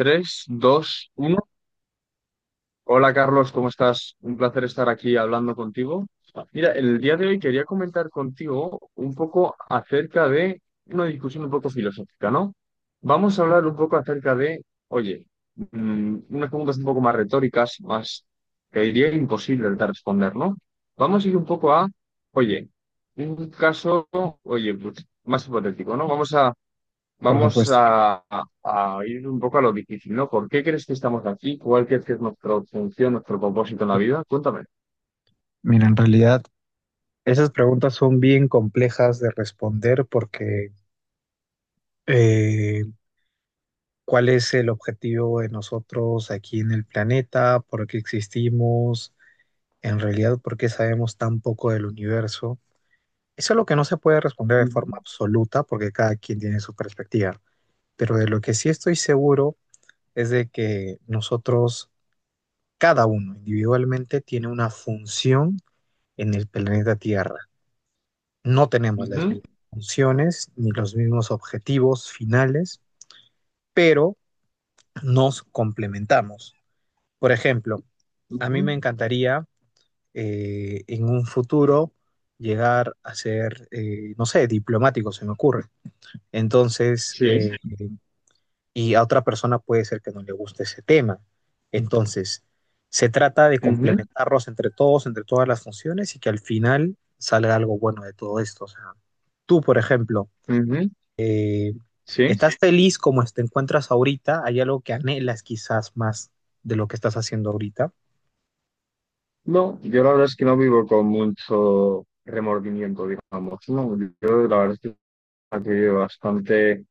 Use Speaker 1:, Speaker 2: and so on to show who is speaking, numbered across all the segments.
Speaker 1: Tres, dos, uno. Hola Carlos, ¿cómo estás? Un placer estar aquí hablando contigo. Mira, el día de hoy quería comentar contigo un poco acerca de una discusión un poco filosófica, ¿no? Vamos a hablar un poco acerca de, oye, unas preguntas un poco más retóricas, más que diría imposible de responder, ¿no? Vamos a ir un poco a, oye, un caso, oye, pues, más hipotético, ¿no? Vamos a
Speaker 2: Por
Speaker 1: Vamos
Speaker 2: supuesto.
Speaker 1: a, a ir un poco a lo difícil, ¿no? ¿Por qué crees que estamos aquí? ¿Cuál crees que es nuestra función, nuestro propósito en la vida? Cuéntame.
Speaker 2: Mira, en realidad esas preguntas son bien complejas de responder porque eh, ¿cuál es el objetivo de nosotros aquí en el planeta? ¿Por qué existimos? En realidad, ¿por qué sabemos tan poco del universo? Eso es lo que no se puede responder de forma
Speaker 1: Ujú,
Speaker 2: absoluta porque cada quien tiene su perspectiva. Pero de lo que sí estoy seguro es de que nosotros, cada uno individualmente, tiene una función en el planeta Tierra. No tenemos las
Speaker 1: ujú,
Speaker 2: mismas funciones ni los mismos objetivos finales, pero nos complementamos. Por ejemplo, a mí
Speaker 1: ujú.
Speaker 2: me encantaría en un futuro llegar a ser, no sé, diplomático, se me ocurre. Entonces,
Speaker 1: Sí.
Speaker 2: y a otra persona puede ser que no le guste ese tema. Entonces, se trata de
Speaker 1: Ujú,
Speaker 2: complementarlos entre todos, entre todas las funciones y que al final salga algo bueno de todo esto. O sea, tú, por ejemplo,
Speaker 1: ujú.
Speaker 2: eh,
Speaker 1: Sí.
Speaker 2: ¿estás feliz como te encuentras ahorita? ¿Hay algo que anhelas quizás más de lo que estás haciendo ahorita?
Speaker 1: No, yo la verdad es que no vivo con mucho remordimiento, digamos, ¿no? Yo la verdad es que estoy bastante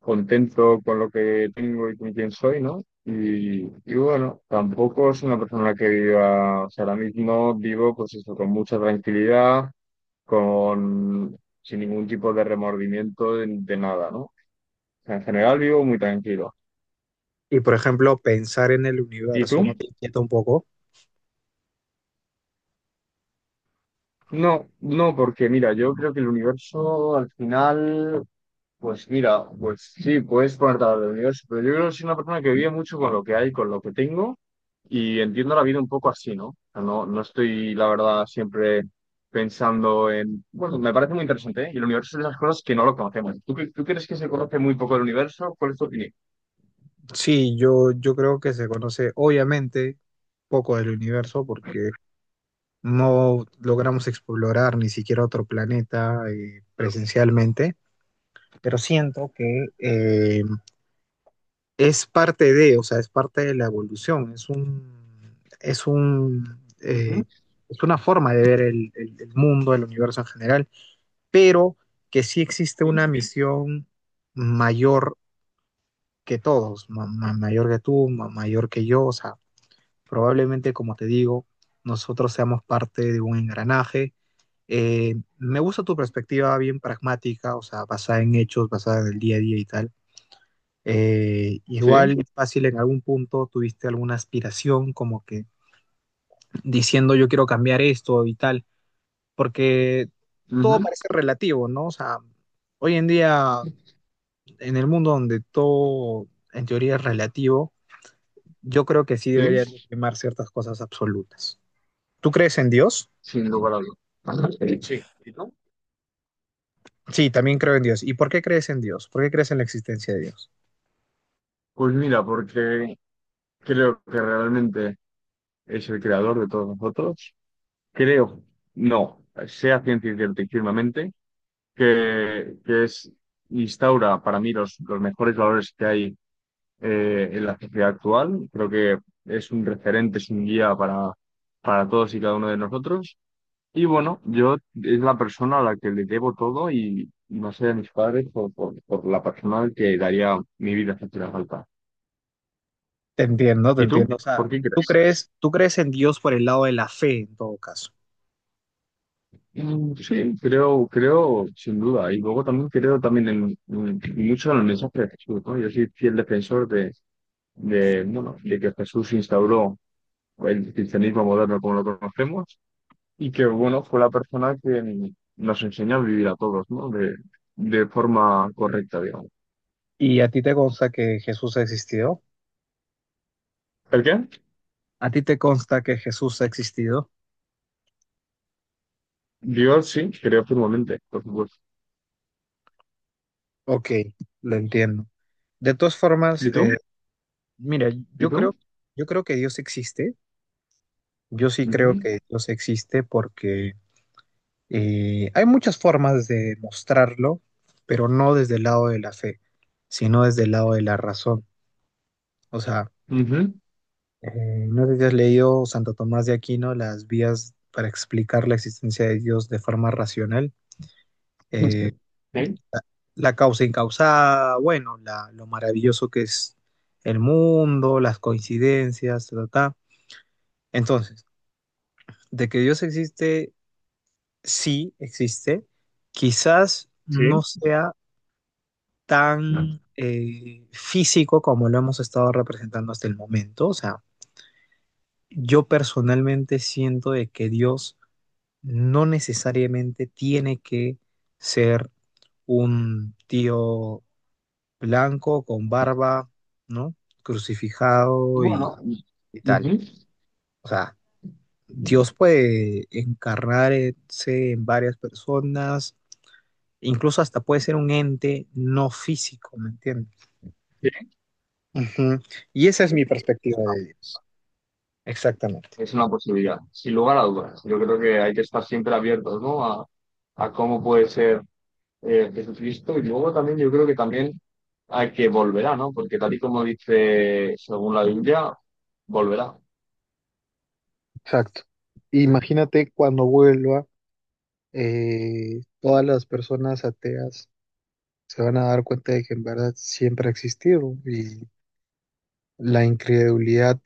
Speaker 1: contento con lo que tengo y con quién soy, ¿no? Y bueno, tampoco es una persona que viva, o sea, ahora mismo vivo pues eso, con mucha tranquilidad con, sin ningún tipo de remordimiento de nada, ¿no? O sea, en general vivo muy tranquilo.
Speaker 2: Y por ejemplo, pensar en el
Speaker 1: ¿Y
Speaker 2: universo, ¿no
Speaker 1: tú?
Speaker 2: te inquieta un poco?
Speaker 1: No, no, porque mira, yo creo que el universo al final, pues mira, pues sí, puedes ponerte a hablar del universo, pero yo creo que soy una persona que vive mucho con lo que hay, con lo que tengo, y entiendo la vida un poco así, ¿no? O sea, no, no estoy, la verdad, siempre pensando en, bueno, me parece muy interesante, ¿eh? Y el universo es de las cosas que no lo conocemos. ¿Tú crees que se conoce muy poco el universo? ¿Cuál es tu opinión?
Speaker 2: Sí, yo creo que se conoce obviamente poco del universo porque no logramos explorar ni siquiera otro planeta presencialmente, pero siento que es parte de, o sea, es parte de la evolución, es un, eh,
Speaker 1: Ujú,
Speaker 2: es una forma de ver el mundo, el universo en general, pero que sí existe una
Speaker 1: sí.
Speaker 2: misión mayor que todos, mayor que tú, mayor que yo, o sea, probablemente, como te digo, nosotros seamos parte de un engranaje. Me gusta tu perspectiva bien pragmática, o sea, basada en hechos, basada en el día a día y tal,
Speaker 1: Sí,
Speaker 2: igual fácil en algún punto tuviste alguna aspiración como que diciendo yo quiero cambiar esto y tal, porque todo
Speaker 1: ujú,
Speaker 2: parece relativo, ¿no? O sea, hoy en día en el mundo donde todo en teoría es relativo, yo creo que sí deberían
Speaker 1: sí,
Speaker 2: de primar ciertas cosas absolutas. ¿Tú crees en Dios?
Speaker 1: sin lugar a dudas. Ajá, sí. ¿Y tú?
Speaker 2: Sí, también creo en Dios. ¿Y por qué crees en Dios? ¿Por qué crees en la existencia de Dios?
Speaker 1: Pues mira, porque creo que realmente es el creador de todos nosotros. Creo, no, sea ciencia cierta y firmemente, que es, instaura para mí los mejores valores que hay en la sociedad actual. Creo que es un referente, es un guía para todos y cada uno de nosotros. Y bueno, yo es la persona a la que le debo todo y no allá de mis padres, por la persona al que daría mi vida si hiciera falta.
Speaker 2: Te entiendo, te
Speaker 1: ¿Y tú?
Speaker 2: entiendo. O sea,
Speaker 1: ¿Por qué
Speaker 2: tú
Speaker 1: crees?
Speaker 2: crees, tú crees en Dios por el lado de la fe en todo caso.
Speaker 1: Mm, sí, creo, creo, sin duda. Y luego también creo también en, mucho en el mensaje de Jesús, ¿no? Yo soy fiel defensor de, bueno, de que Jesús instauró el cristianismo moderno como lo conocemos y que, bueno, fue la persona que nos enseña a vivir a todos, ¿no? De forma correcta, digamos.
Speaker 2: ¿Y a ti te consta que Jesús existió?
Speaker 1: ¿El qué?
Speaker 2: ¿A ti te consta que Jesús ha existido?
Speaker 1: Yo sí, creo firmemente, por supuesto.
Speaker 2: Ok, lo entiendo. De todas formas,
Speaker 1: ¿Y tú?
Speaker 2: mira,
Speaker 1: ¿Y
Speaker 2: yo creo,
Speaker 1: tú?
Speaker 2: yo creo que Dios existe. Yo sí creo
Speaker 1: Ujú,
Speaker 2: que Dios existe porque hay muchas formas de mostrarlo, pero no desde el lado de la fe, sino desde el lado de la razón. O sea,
Speaker 1: ujú.
Speaker 2: no sé si has leído Santo Tomás de Aquino, las vías para explicar la existencia de Dios de forma racional.
Speaker 1: No sé.
Speaker 2: Eh,
Speaker 1: Sí,
Speaker 2: la causa incausada, bueno, lo maravilloso que es el mundo, las coincidencias, ta, ta, ta. Entonces, de que Dios existe, sí existe, quizás no
Speaker 1: sí.
Speaker 2: sea tan físico como lo hemos estado representando hasta el momento. O sea, yo personalmente siento de que Dios no necesariamente tiene que ser un tío blanco, con barba, ¿no? Crucificado
Speaker 1: Bueno, ujú,
Speaker 2: y tal. O sea, Dios puede encarnarse en varias personas, incluso hasta puede ser un ente no físico, ¿me entiendes?
Speaker 1: sí,
Speaker 2: Ujú. Y esa es mi
Speaker 1: es
Speaker 2: perspectiva de
Speaker 1: una
Speaker 2: Dios. Exactamente.
Speaker 1: es una posibilidad, sin lugar a dudas. Yo creo que hay que estar siempre abiertos, ¿no? A cómo puede ser Jesucristo. Y luego también yo creo que también hay que volverá, ¿no? Porque tal y como dice según la Biblia, volverá.
Speaker 2: Exacto. Imagínate cuando vuelva, todas las personas ateas se van a dar cuenta de que en verdad siempre ha existido y la incredulidad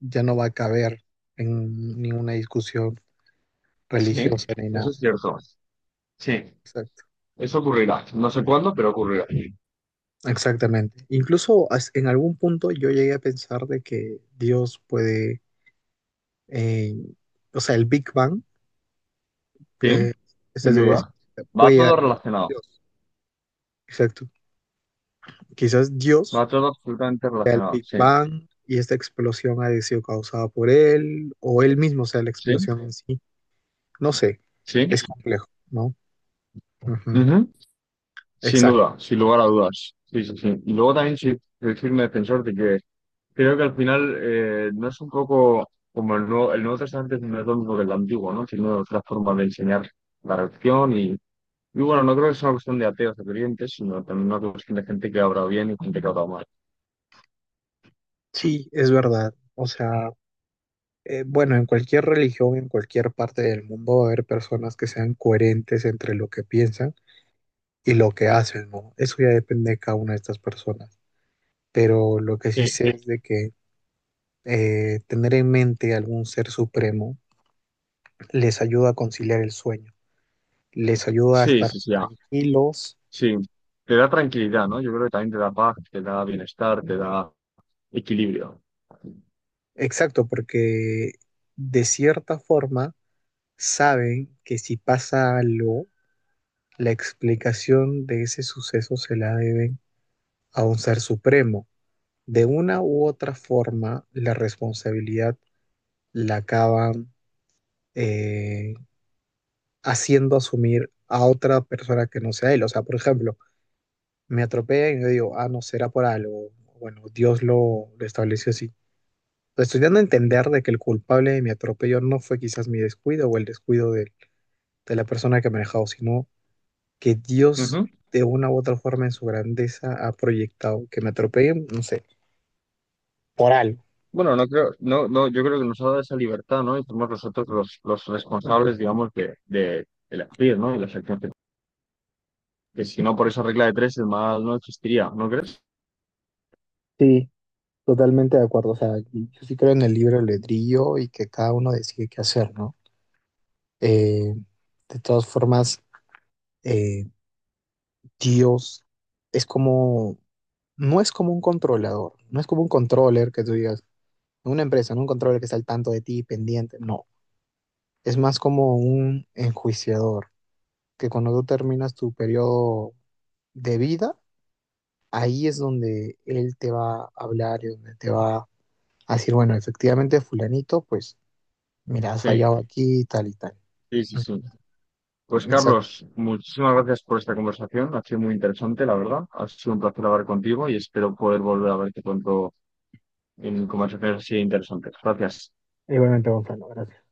Speaker 2: ya no va a caber en ninguna discusión
Speaker 1: Sí,
Speaker 2: religiosa ni
Speaker 1: eso
Speaker 2: nada.
Speaker 1: es cierto. Sí,
Speaker 2: Exacto.
Speaker 1: eso ocurrirá. No sé cuándo, pero ocurrirá.
Speaker 2: Exactamente. Incluso en algún punto yo llegué a pensar de que Dios puede, eh, o sea, el Big Bang, eh,
Speaker 1: Sí,
Speaker 2: esta
Speaker 1: sin
Speaker 2: teoría
Speaker 1: duda.
Speaker 2: científica,
Speaker 1: Va
Speaker 2: puede llegar
Speaker 1: todo
Speaker 2: a
Speaker 1: relacionado.
Speaker 2: Dios. Exacto. Quizás Dios,
Speaker 1: Va todo absolutamente
Speaker 2: el
Speaker 1: relacionado.
Speaker 2: Big
Speaker 1: Sí,
Speaker 2: Bang y esta explosión haya sido causada por él o él mismo, o sea, la
Speaker 1: sí,
Speaker 2: explosión en sí. No sé,
Speaker 1: sí.
Speaker 2: es complejo, ¿no? Ujú.
Speaker 1: Ujú, sin
Speaker 2: Exacto.
Speaker 1: duda, sin lugar a dudas. Sí, sí, sí. Y luego también sí, decirme defensor de que creo que al final no es un poco como el nuevo Testamento no es lo mismo que el antiguo, ¿no? Sino otra forma de enseñar la religión y bueno, no creo que sea una cuestión de ateos o creyentes, sino también una cuestión de gente que ha obrado bien y gente que ha obrado mal.
Speaker 2: Sí, es verdad. O sea, bueno, en cualquier religión, en cualquier parte del mundo va a haber personas que sean coherentes entre lo que piensan y lo que hacen, ¿no? Eso ya depende de cada una de estas personas. Pero lo que sí
Speaker 1: Sí,
Speaker 2: sé es de que tener en mente algún ser supremo les ayuda a conciliar el sueño, les ayuda a
Speaker 1: sí,
Speaker 2: estar
Speaker 1: sí, sí.
Speaker 2: tranquilos.
Speaker 1: Sí, te da tranquilidad, ¿no? Yo creo que también te da paz, te da bienestar, te da equilibrio.
Speaker 2: Exacto, porque de cierta forma saben que si pasa algo, la explicación de ese suceso se la deben a un ser supremo. De una u otra forma, la responsabilidad la acaban eh, haciendo asumir a otra persona que no sea él. O sea, por ejemplo, me atropellan y yo digo, ah, no, será por algo. Bueno, Dios lo estableció así. Pues estoy dando a entender de que el culpable de mi atropello no fue quizás mi descuido o el descuido de la persona que me ha manejado, sino que Dios
Speaker 1: Ujú.
Speaker 2: de una u otra forma en su grandeza ha proyectado. Que me atropellen, no sé, por algo.
Speaker 1: Bueno, no creo, no, no, yo creo que nos ha dado esa libertad, ¿no? Y somos nosotros los responsables, digamos, de elegir, ¿no? Y las acciones que si no por esa regla de tres, el mal no existiría, ¿no crees?
Speaker 2: Sí, totalmente de acuerdo. O sea, yo sí creo en el libre albedrío y que cada uno decide qué hacer, ¿no? Eh, de todas formas, eh, Dios es como, no es como un controlador, no es como un controller que tú digas, una empresa, no un controller que está al tanto de ti, pendiente, no. Es más como un enjuiciador, que cuando tú terminas tu periodo de vida, ahí es donde él te va a hablar y donde te va a decir, bueno, efectivamente, fulanito, pues mira, has
Speaker 1: Sí,
Speaker 2: fallado aquí y tal y tal.
Speaker 1: sí, sí, sí. Pues
Speaker 2: Exacto.
Speaker 1: Carlos, muchísimas gracias por esta conversación. Ha sido muy interesante, la verdad. Ha sido un placer hablar contigo y espero poder volver a verte pronto en conversaciones así interesantes. Gracias.
Speaker 2: Igualmente, Gonzalo, gracias.